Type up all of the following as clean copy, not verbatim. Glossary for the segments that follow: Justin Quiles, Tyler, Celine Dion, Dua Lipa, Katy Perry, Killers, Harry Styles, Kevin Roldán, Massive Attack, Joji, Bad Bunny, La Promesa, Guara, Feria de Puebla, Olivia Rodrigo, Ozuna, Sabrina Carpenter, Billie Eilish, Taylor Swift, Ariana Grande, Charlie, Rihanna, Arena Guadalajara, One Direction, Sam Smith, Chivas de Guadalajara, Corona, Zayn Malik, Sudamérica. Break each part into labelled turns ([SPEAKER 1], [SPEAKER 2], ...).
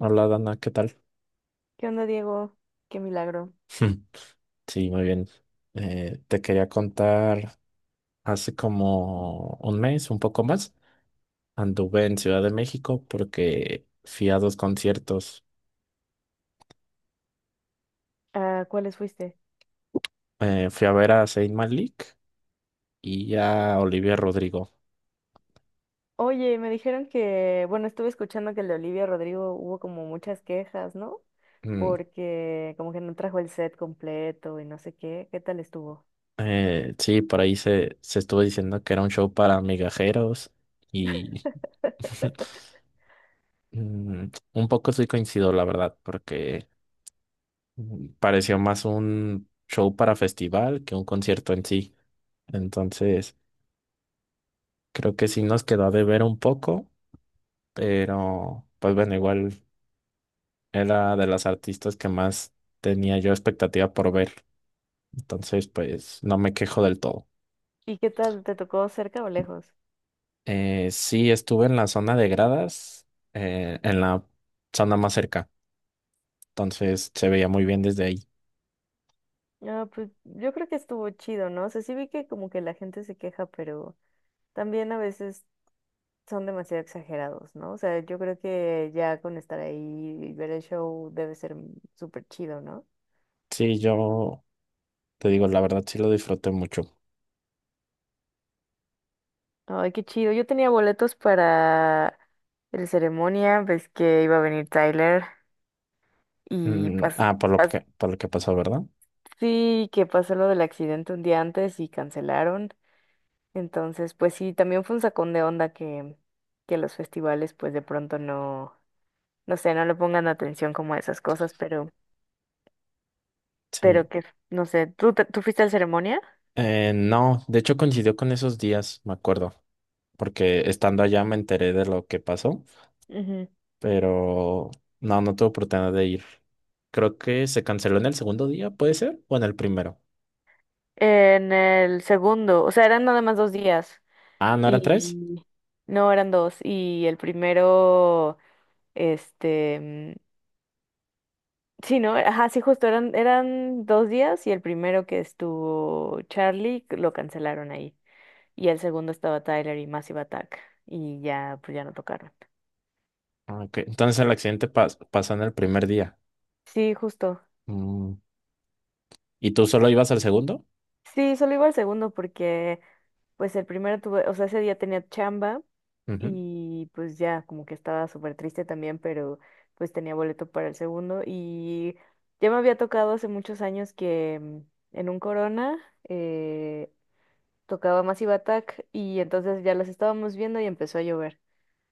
[SPEAKER 1] Hola Dana, ¿qué tal?
[SPEAKER 2] ¿Qué onda, Diego? Qué milagro.
[SPEAKER 1] Sí, muy bien. Te quería contar, hace como un mes, un poco más, anduve en Ciudad de México porque fui a dos conciertos.
[SPEAKER 2] ¿A cuáles fuiste?
[SPEAKER 1] Fui a ver a Zayn Malik y a Olivia Rodrigo.
[SPEAKER 2] Oye, me dijeron que, bueno, estuve escuchando que el de Olivia Rodrigo hubo como muchas quejas, ¿no?
[SPEAKER 1] Mm,
[SPEAKER 2] Porque como que no trajo el set completo y no sé qué. ¿Qué tal estuvo?
[SPEAKER 1] sí, por ahí se estuvo diciendo que era un show para migajeros y mm, un poco soy coincido, la verdad, porque pareció más un show para festival que un concierto en sí. Entonces, creo que sí nos quedó de ver un poco, pero pues bueno, igual era de las artistas que más tenía yo expectativa por ver. Entonces, pues no me quejo del todo.
[SPEAKER 2] ¿Y qué tal te tocó cerca o lejos?
[SPEAKER 1] Sí, estuve en la zona de gradas, en la zona más cerca. Entonces se veía muy bien desde ahí.
[SPEAKER 2] Ah, pues yo creo que estuvo chido, ¿no? O sea, sí vi que como que la gente se queja, pero también a veces son demasiado exagerados, ¿no? O sea, yo creo que ya con estar ahí y ver el show debe ser súper chido, ¿no?
[SPEAKER 1] Sí, yo te digo, la verdad sí lo disfruté mucho.
[SPEAKER 2] Ay, qué chido. Yo tenía boletos para el ceremonia, ves que iba a venir Tyler y pas,
[SPEAKER 1] Ah, por lo
[SPEAKER 2] pas-
[SPEAKER 1] que, por lo que pasó, ¿verdad?
[SPEAKER 2] sí, que pasó lo del accidente un día antes y cancelaron. Entonces, pues sí, también fue un sacón de onda que los festivales pues de pronto no sé, no le pongan atención como a esas cosas,
[SPEAKER 1] Sí.
[SPEAKER 2] pero que, no sé, ¿tú, tú fuiste al ceremonia?
[SPEAKER 1] No, de hecho coincidió con esos días, me acuerdo, porque estando allá me enteré de lo que pasó.
[SPEAKER 2] Ujú.
[SPEAKER 1] Pero no, no tuve oportunidad de ir. Creo que se canceló en el segundo día, ¿puede ser? ¿O en el primero?
[SPEAKER 2] En el segundo, o sea, eran nada más dos días.
[SPEAKER 1] Ah, ¿no eran tres?
[SPEAKER 2] Y no, eran dos. Y el primero, este, sí, ¿no? Ajá, sí, justo eran dos días y el primero que estuvo Charlie lo cancelaron ahí. Y el segundo estaba Tyler y Massive Attack. Y ya, pues ya no tocaron.
[SPEAKER 1] Ah, ok, entonces el accidente pasó en el primer día.
[SPEAKER 2] Sí, justo.
[SPEAKER 1] Mm, ¿Y tú solo ibas al segundo?
[SPEAKER 2] Sí, solo iba al segundo porque pues el primero tuve, o sea, ese día tenía chamba
[SPEAKER 1] Ujú.
[SPEAKER 2] y pues ya como que estaba súper triste también, pero pues tenía boleto para el segundo y ya me había tocado hace muchos años que en un Corona eh, tocaba Massive Attack y entonces ya los estábamos viendo y empezó a llover.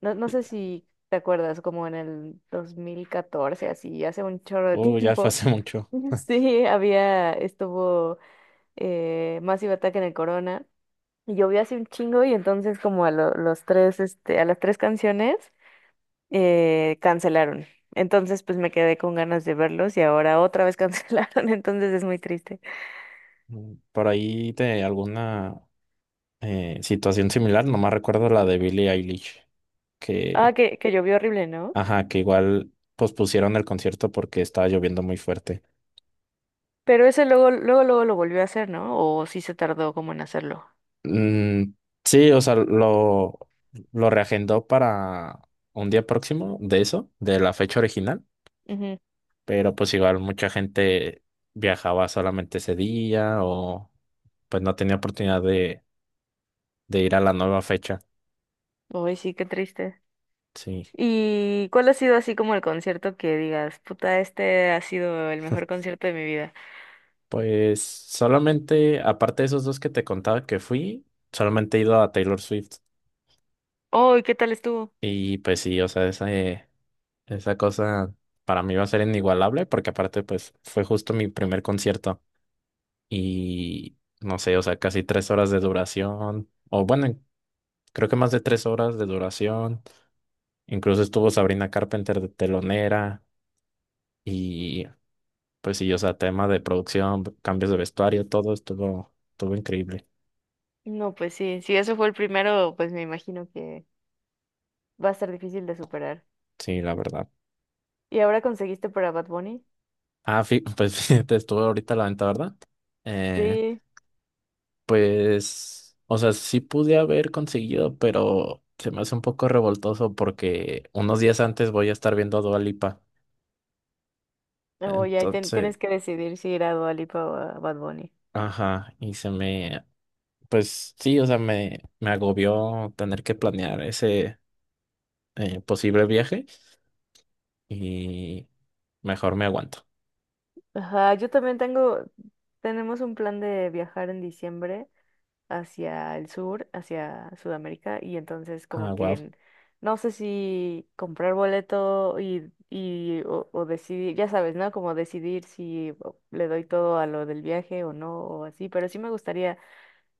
[SPEAKER 2] No, no
[SPEAKER 1] Y-
[SPEAKER 2] sé si te acuerdas, como en el 2014, así, hace un chorro de
[SPEAKER 1] Oh, ya fue
[SPEAKER 2] tiempo.
[SPEAKER 1] hace mucho.
[SPEAKER 2] Sí, había, estuvo Massive Attack en el Corona. Y llovió hace un chingo y entonces como a los 3, este, a las 3 canciones cancelaron. Entonces pues me quedé con ganas de verlos y ahora otra vez cancelaron, entonces es muy triste.
[SPEAKER 1] Por ahí de alguna situación similar, nomás recuerdo la de Billie Eilish,
[SPEAKER 2] Ah,
[SPEAKER 1] que,
[SPEAKER 2] que llovió horrible, ¿no?
[SPEAKER 1] ajá, que igual pospusieron el concierto porque estaba lloviendo muy fuerte.
[SPEAKER 2] Pero ese luego, luego, luego lo volvió a hacer, ¿no? O sí se tardó como en hacerlo.
[SPEAKER 1] Mm, sí, o sea, lo reagendó para un día próximo de eso, de la fecha original,
[SPEAKER 2] Ujú.
[SPEAKER 1] pero pues igual mucha gente viajaba solamente ese día o pues no tenía oportunidad de ir a la nueva fecha.
[SPEAKER 2] Ay, sí, qué triste.
[SPEAKER 1] Sí,
[SPEAKER 2] ¿Y cuál ha sido así como el concierto que digas, puta, este ha sido el mejor concierto de mi vida?
[SPEAKER 1] pues solamente, aparte de esos dos que te contaba que fui, solamente he ido a Taylor Swift
[SPEAKER 2] Ay, ¿qué tal estuvo?
[SPEAKER 1] y pues sí, o sea, esa, esa cosa para mí va a ser inigualable porque aparte pues fue justo mi primer concierto. Y no sé, o sea, casi 3 horas de duración, o bueno, creo que más de 3 horas de duración. Incluso estuvo Sabrina Carpenter de telonera y pues sí, o sea, tema de producción, cambios de vestuario, todo estuvo, estuvo increíble,
[SPEAKER 2] No, pues sí, si eso fue el primero, pues me imagino que va a estar difícil de superar.
[SPEAKER 1] sí, la verdad.
[SPEAKER 2] ¿Y ahora conseguiste para Bad Bunny?
[SPEAKER 1] Ah, pues fíjate, estuvo ahorita a la venta, ¿verdad? Eh,
[SPEAKER 2] Sí,
[SPEAKER 1] pues, o sea, sí pude haber conseguido, pero se me hace un poco revoltoso porque unos días antes voy a estar viendo a Dua Lipa.
[SPEAKER 2] o ya
[SPEAKER 1] Entonces,
[SPEAKER 2] tienes que decidir si ir a Dua Lipa o a Bad Bunny.
[SPEAKER 1] ajá, y se me, pues sí, o sea, me agobió tener que planear ese posible viaje y mejor me aguanto.
[SPEAKER 2] Ajá, tenemos un plan de viajar en diciembre hacia el sur, hacia Sudamérica, y entonces
[SPEAKER 1] Ah,
[SPEAKER 2] como que
[SPEAKER 1] wow.
[SPEAKER 2] no sé si comprar boleto o decidir, ya sabes, ¿no? Como decidir si o, le doy todo a lo del viaje o no, o así, pero sí me gustaría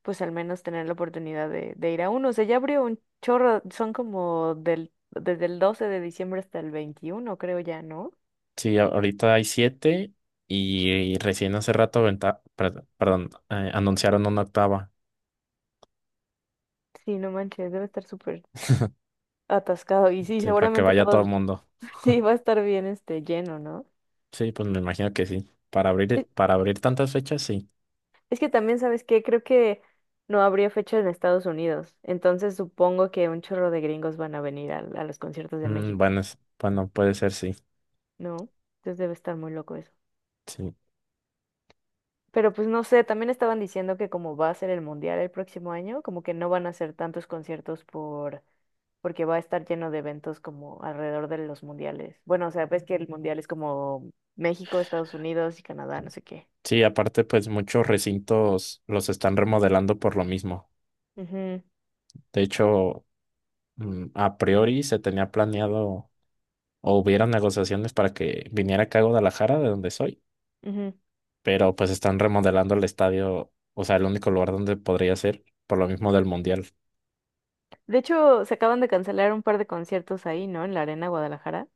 [SPEAKER 2] pues al menos tener la oportunidad de ir a uno. O sea, ya abrió un chorro, son como del, desde el 12 de diciembre hasta el 21 creo ya, ¿no?
[SPEAKER 1] Sí, ahorita hay siete y recién hace rato perdón, anunciaron una octava,
[SPEAKER 2] Sí, no manches, debe estar súper atascado. Y sí,
[SPEAKER 1] sí, para que
[SPEAKER 2] seguramente
[SPEAKER 1] vaya todo
[SPEAKER 2] todo
[SPEAKER 1] el mundo.
[SPEAKER 2] sí va a estar bien este lleno, ¿no?
[SPEAKER 1] Sí, pues me imagino que sí.
[SPEAKER 2] Es,
[SPEAKER 1] Para abrir tantas fechas, sí.
[SPEAKER 2] es que también, ¿sabes qué? Creo que no habría fecha en Estados Unidos. Entonces supongo que un chorro de gringos van a venir a los conciertos de México,
[SPEAKER 1] Bueno, bueno, puede ser, sí.
[SPEAKER 2] ¿no? Entonces debe estar muy loco eso.
[SPEAKER 1] Sí.
[SPEAKER 2] Pero pues no sé, también estaban diciendo que como va a ser el mundial el próximo año, como que no van a hacer tantos conciertos porque va a estar lleno de eventos como alrededor de los mundiales. Bueno, o sea, ves que el mundial es como México, Estados Unidos y Canadá, no sé qué.
[SPEAKER 1] Sí, aparte, pues muchos recintos los están remodelando por lo mismo.
[SPEAKER 2] Ujú,
[SPEAKER 1] De hecho, a priori se tenía planeado o hubieron negociaciones para que viniera acá a Guadalajara, de donde soy,
[SPEAKER 2] ujú.
[SPEAKER 1] pero pues están remodelando el estadio, o sea, el único lugar donde podría ser, por lo mismo del Mundial.
[SPEAKER 2] De hecho, se acaban de cancelar un par de conciertos ahí, ¿no? En la Arena Guadalajara.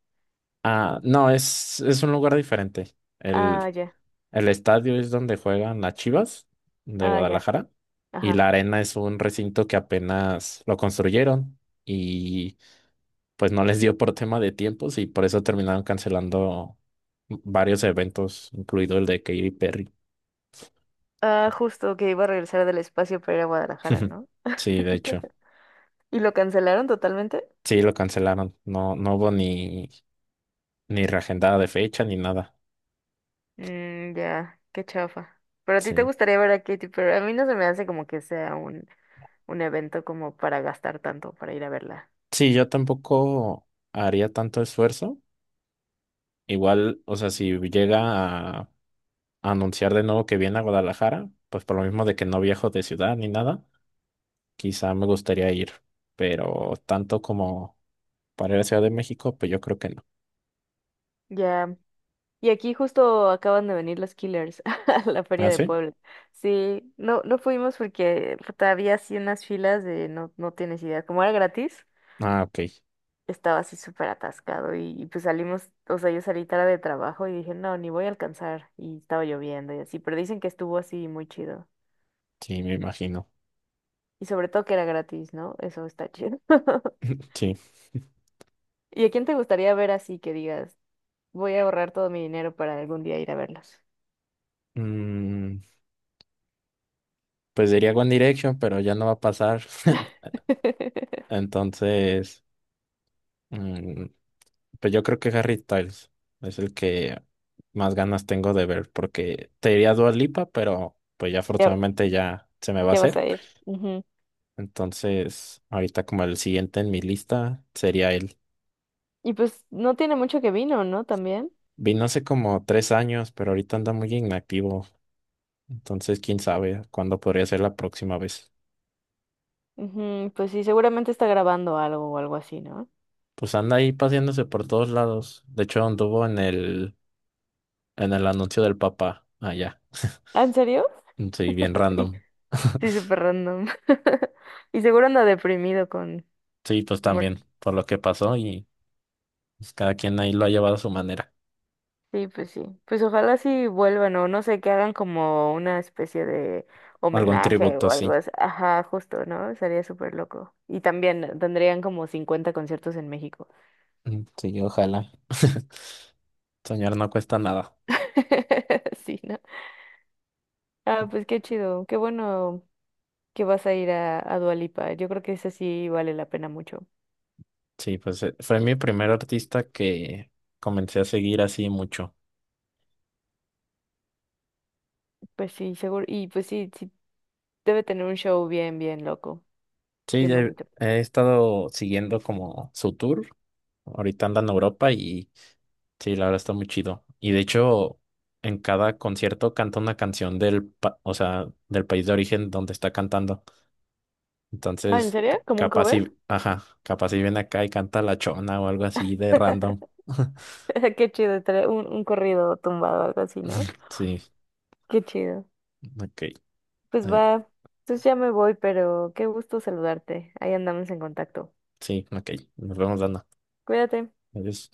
[SPEAKER 1] Ah, no, es un lugar diferente.
[SPEAKER 2] Ah,
[SPEAKER 1] El,
[SPEAKER 2] ya,
[SPEAKER 1] el estadio es donde juegan las Chivas de
[SPEAKER 2] ah, ya,
[SPEAKER 1] Guadalajara y
[SPEAKER 2] ajá.
[SPEAKER 1] la arena es un recinto que apenas lo construyeron, pues no les dio por tema de tiempos y por eso terminaron cancelando varios eventos, incluido el de Katy Perry.
[SPEAKER 2] Ah, justo que iba a regresar del espacio para ir a Guadalajara, ¿no?
[SPEAKER 1] Sí, de hecho,
[SPEAKER 2] ¿Y lo cancelaron totalmente?
[SPEAKER 1] sí lo cancelaron. No, no hubo ni, reagendada de fecha ni nada.
[SPEAKER 2] Mm, ya, qué chafa. Pero a ti te
[SPEAKER 1] Sí.
[SPEAKER 2] gustaría ver a Katy Perry. A mí no se me hace como que sea un evento como para gastar tanto, para ir a verla.
[SPEAKER 1] Sí, yo tampoco haría tanto esfuerzo. Igual, o sea, si llega a anunciar de nuevo que viene a Guadalajara, pues por lo mismo de que no viajo de ciudad ni nada, quizá me gustaría ir. Pero tanto como para ir a Ciudad de México, pues yo creo que no.
[SPEAKER 2] Ya. Y aquí justo acaban de venir los Killers a la Feria
[SPEAKER 1] ¿Ah,
[SPEAKER 2] de
[SPEAKER 1] sí?
[SPEAKER 2] Puebla. Sí, no fuimos porque puta, había así unas filas de no, no tienes idea. Como era gratis,
[SPEAKER 1] Ah, ok.
[SPEAKER 2] estaba así súper atascado y pues salimos, o sea, yo salí tarde de trabajo y dije, no, ni voy a alcanzar. Y estaba lloviendo y así, pero dicen que estuvo así muy chido.
[SPEAKER 1] Sí, me imagino.
[SPEAKER 2] Y sobre todo que era gratis, ¿no? Eso está chido.
[SPEAKER 1] Sí.
[SPEAKER 2] ¿Y a quién te gustaría ver así que digas, voy a ahorrar todo mi dinero para algún día ir a verlos?
[SPEAKER 1] Mm, pues diría One Direction, pero ya no va a pasar. Entonces, mm, pues yo creo que Harry Styles es el que más ganas tengo de ver, porque te diría Dua Lipa, pero pues ya
[SPEAKER 2] Ya,
[SPEAKER 1] afortunadamente ya se me va a
[SPEAKER 2] ya vas a
[SPEAKER 1] hacer.
[SPEAKER 2] ir. Ujú.
[SPEAKER 1] Entonces, ahorita como el siguiente en mi lista sería él.
[SPEAKER 2] Y pues no tiene mucho que vino, ¿no? También.
[SPEAKER 1] Vino hace como 3 años, pero ahorita anda muy inactivo. Entonces, quién sabe cuándo podría ser la próxima vez.
[SPEAKER 2] Ujú, pues sí, seguramente está grabando algo o algo así, ¿no?
[SPEAKER 1] Pues anda ahí paseándose por todos lados. De hecho, anduvo en el anuncio del Papa allá.
[SPEAKER 2] ¿Ah, ¿en serio?
[SPEAKER 1] Sí, bien
[SPEAKER 2] Y-
[SPEAKER 1] random.
[SPEAKER 2] Sí, súper random. Y seguro anda deprimido con...
[SPEAKER 1] Sí, pues
[SPEAKER 2] muerte.
[SPEAKER 1] también, por lo que pasó y pues, cada quien ahí lo ha llevado a su manera.
[SPEAKER 2] Sí. Pues ojalá sí vuelvan o no sé, que hagan como una especie de
[SPEAKER 1] Algún
[SPEAKER 2] homenaje
[SPEAKER 1] tributo,
[SPEAKER 2] o algo
[SPEAKER 1] sí.
[SPEAKER 2] así. Ajá, justo, ¿no? Sería súper loco. Y también tendrían como 50 conciertos en México.
[SPEAKER 1] Sí, ojalá. Soñar no cuesta nada.
[SPEAKER 2] Sí, ¿no? Ah, pues qué chido. Qué bueno que vas a ir a Dua Lipa. Yo creo que ese sí vale la pena mucho.
[SPEAKER 1] Sí, pues fue mi primer artista que comencé a seguir así mucho.
[SPEAKER 2] Pues sí, seguro. Y pues sí, debe tener un show bien, bien loco.
[SPEAKER 1] Sí,
[SPEAKER 2] Bien
[SPEAKER 1] ya he,
[SPEAKER 2] bonito.
[SPEAKER 1] he estado siguiendo como su tour. Ahorita anda en Europa y sí, la verdad está muy chido. Y de hecho, en cada concierto canta una canción o sea, del país de origen donde está cantando.
[SPEAKER 2] Ah, ¿en
[SPEAKER 1] Entonces,
[SPEAKER 2] serio? ¿Como un
[SPEAKER 1] capaz
[SPEAKER 2] cover?
[SPEAKER 1] si, ajá, capaz si viene acá y canta La Chona o algo así de random.
[SPEAKER 2] Qué chido, estaría un corrido tumbado, algo así, ¿no?
[SPEAKER 1] Sí,
[SPEAKER 2] Qué chido.
[SPEAKER 1] ok.
[SPEAKER 2] Pues
[SPEAKER 1] eh,
[SPEAKER 2] va, entonces ya me voy, pero qué gusto saludarte. Ahí andamos en contacto.
[SPEAKER 1] sí, ok. Nos vemos dando.
[SPEAKER 2] Cuídate.
[SPEAKER 1] Adiós.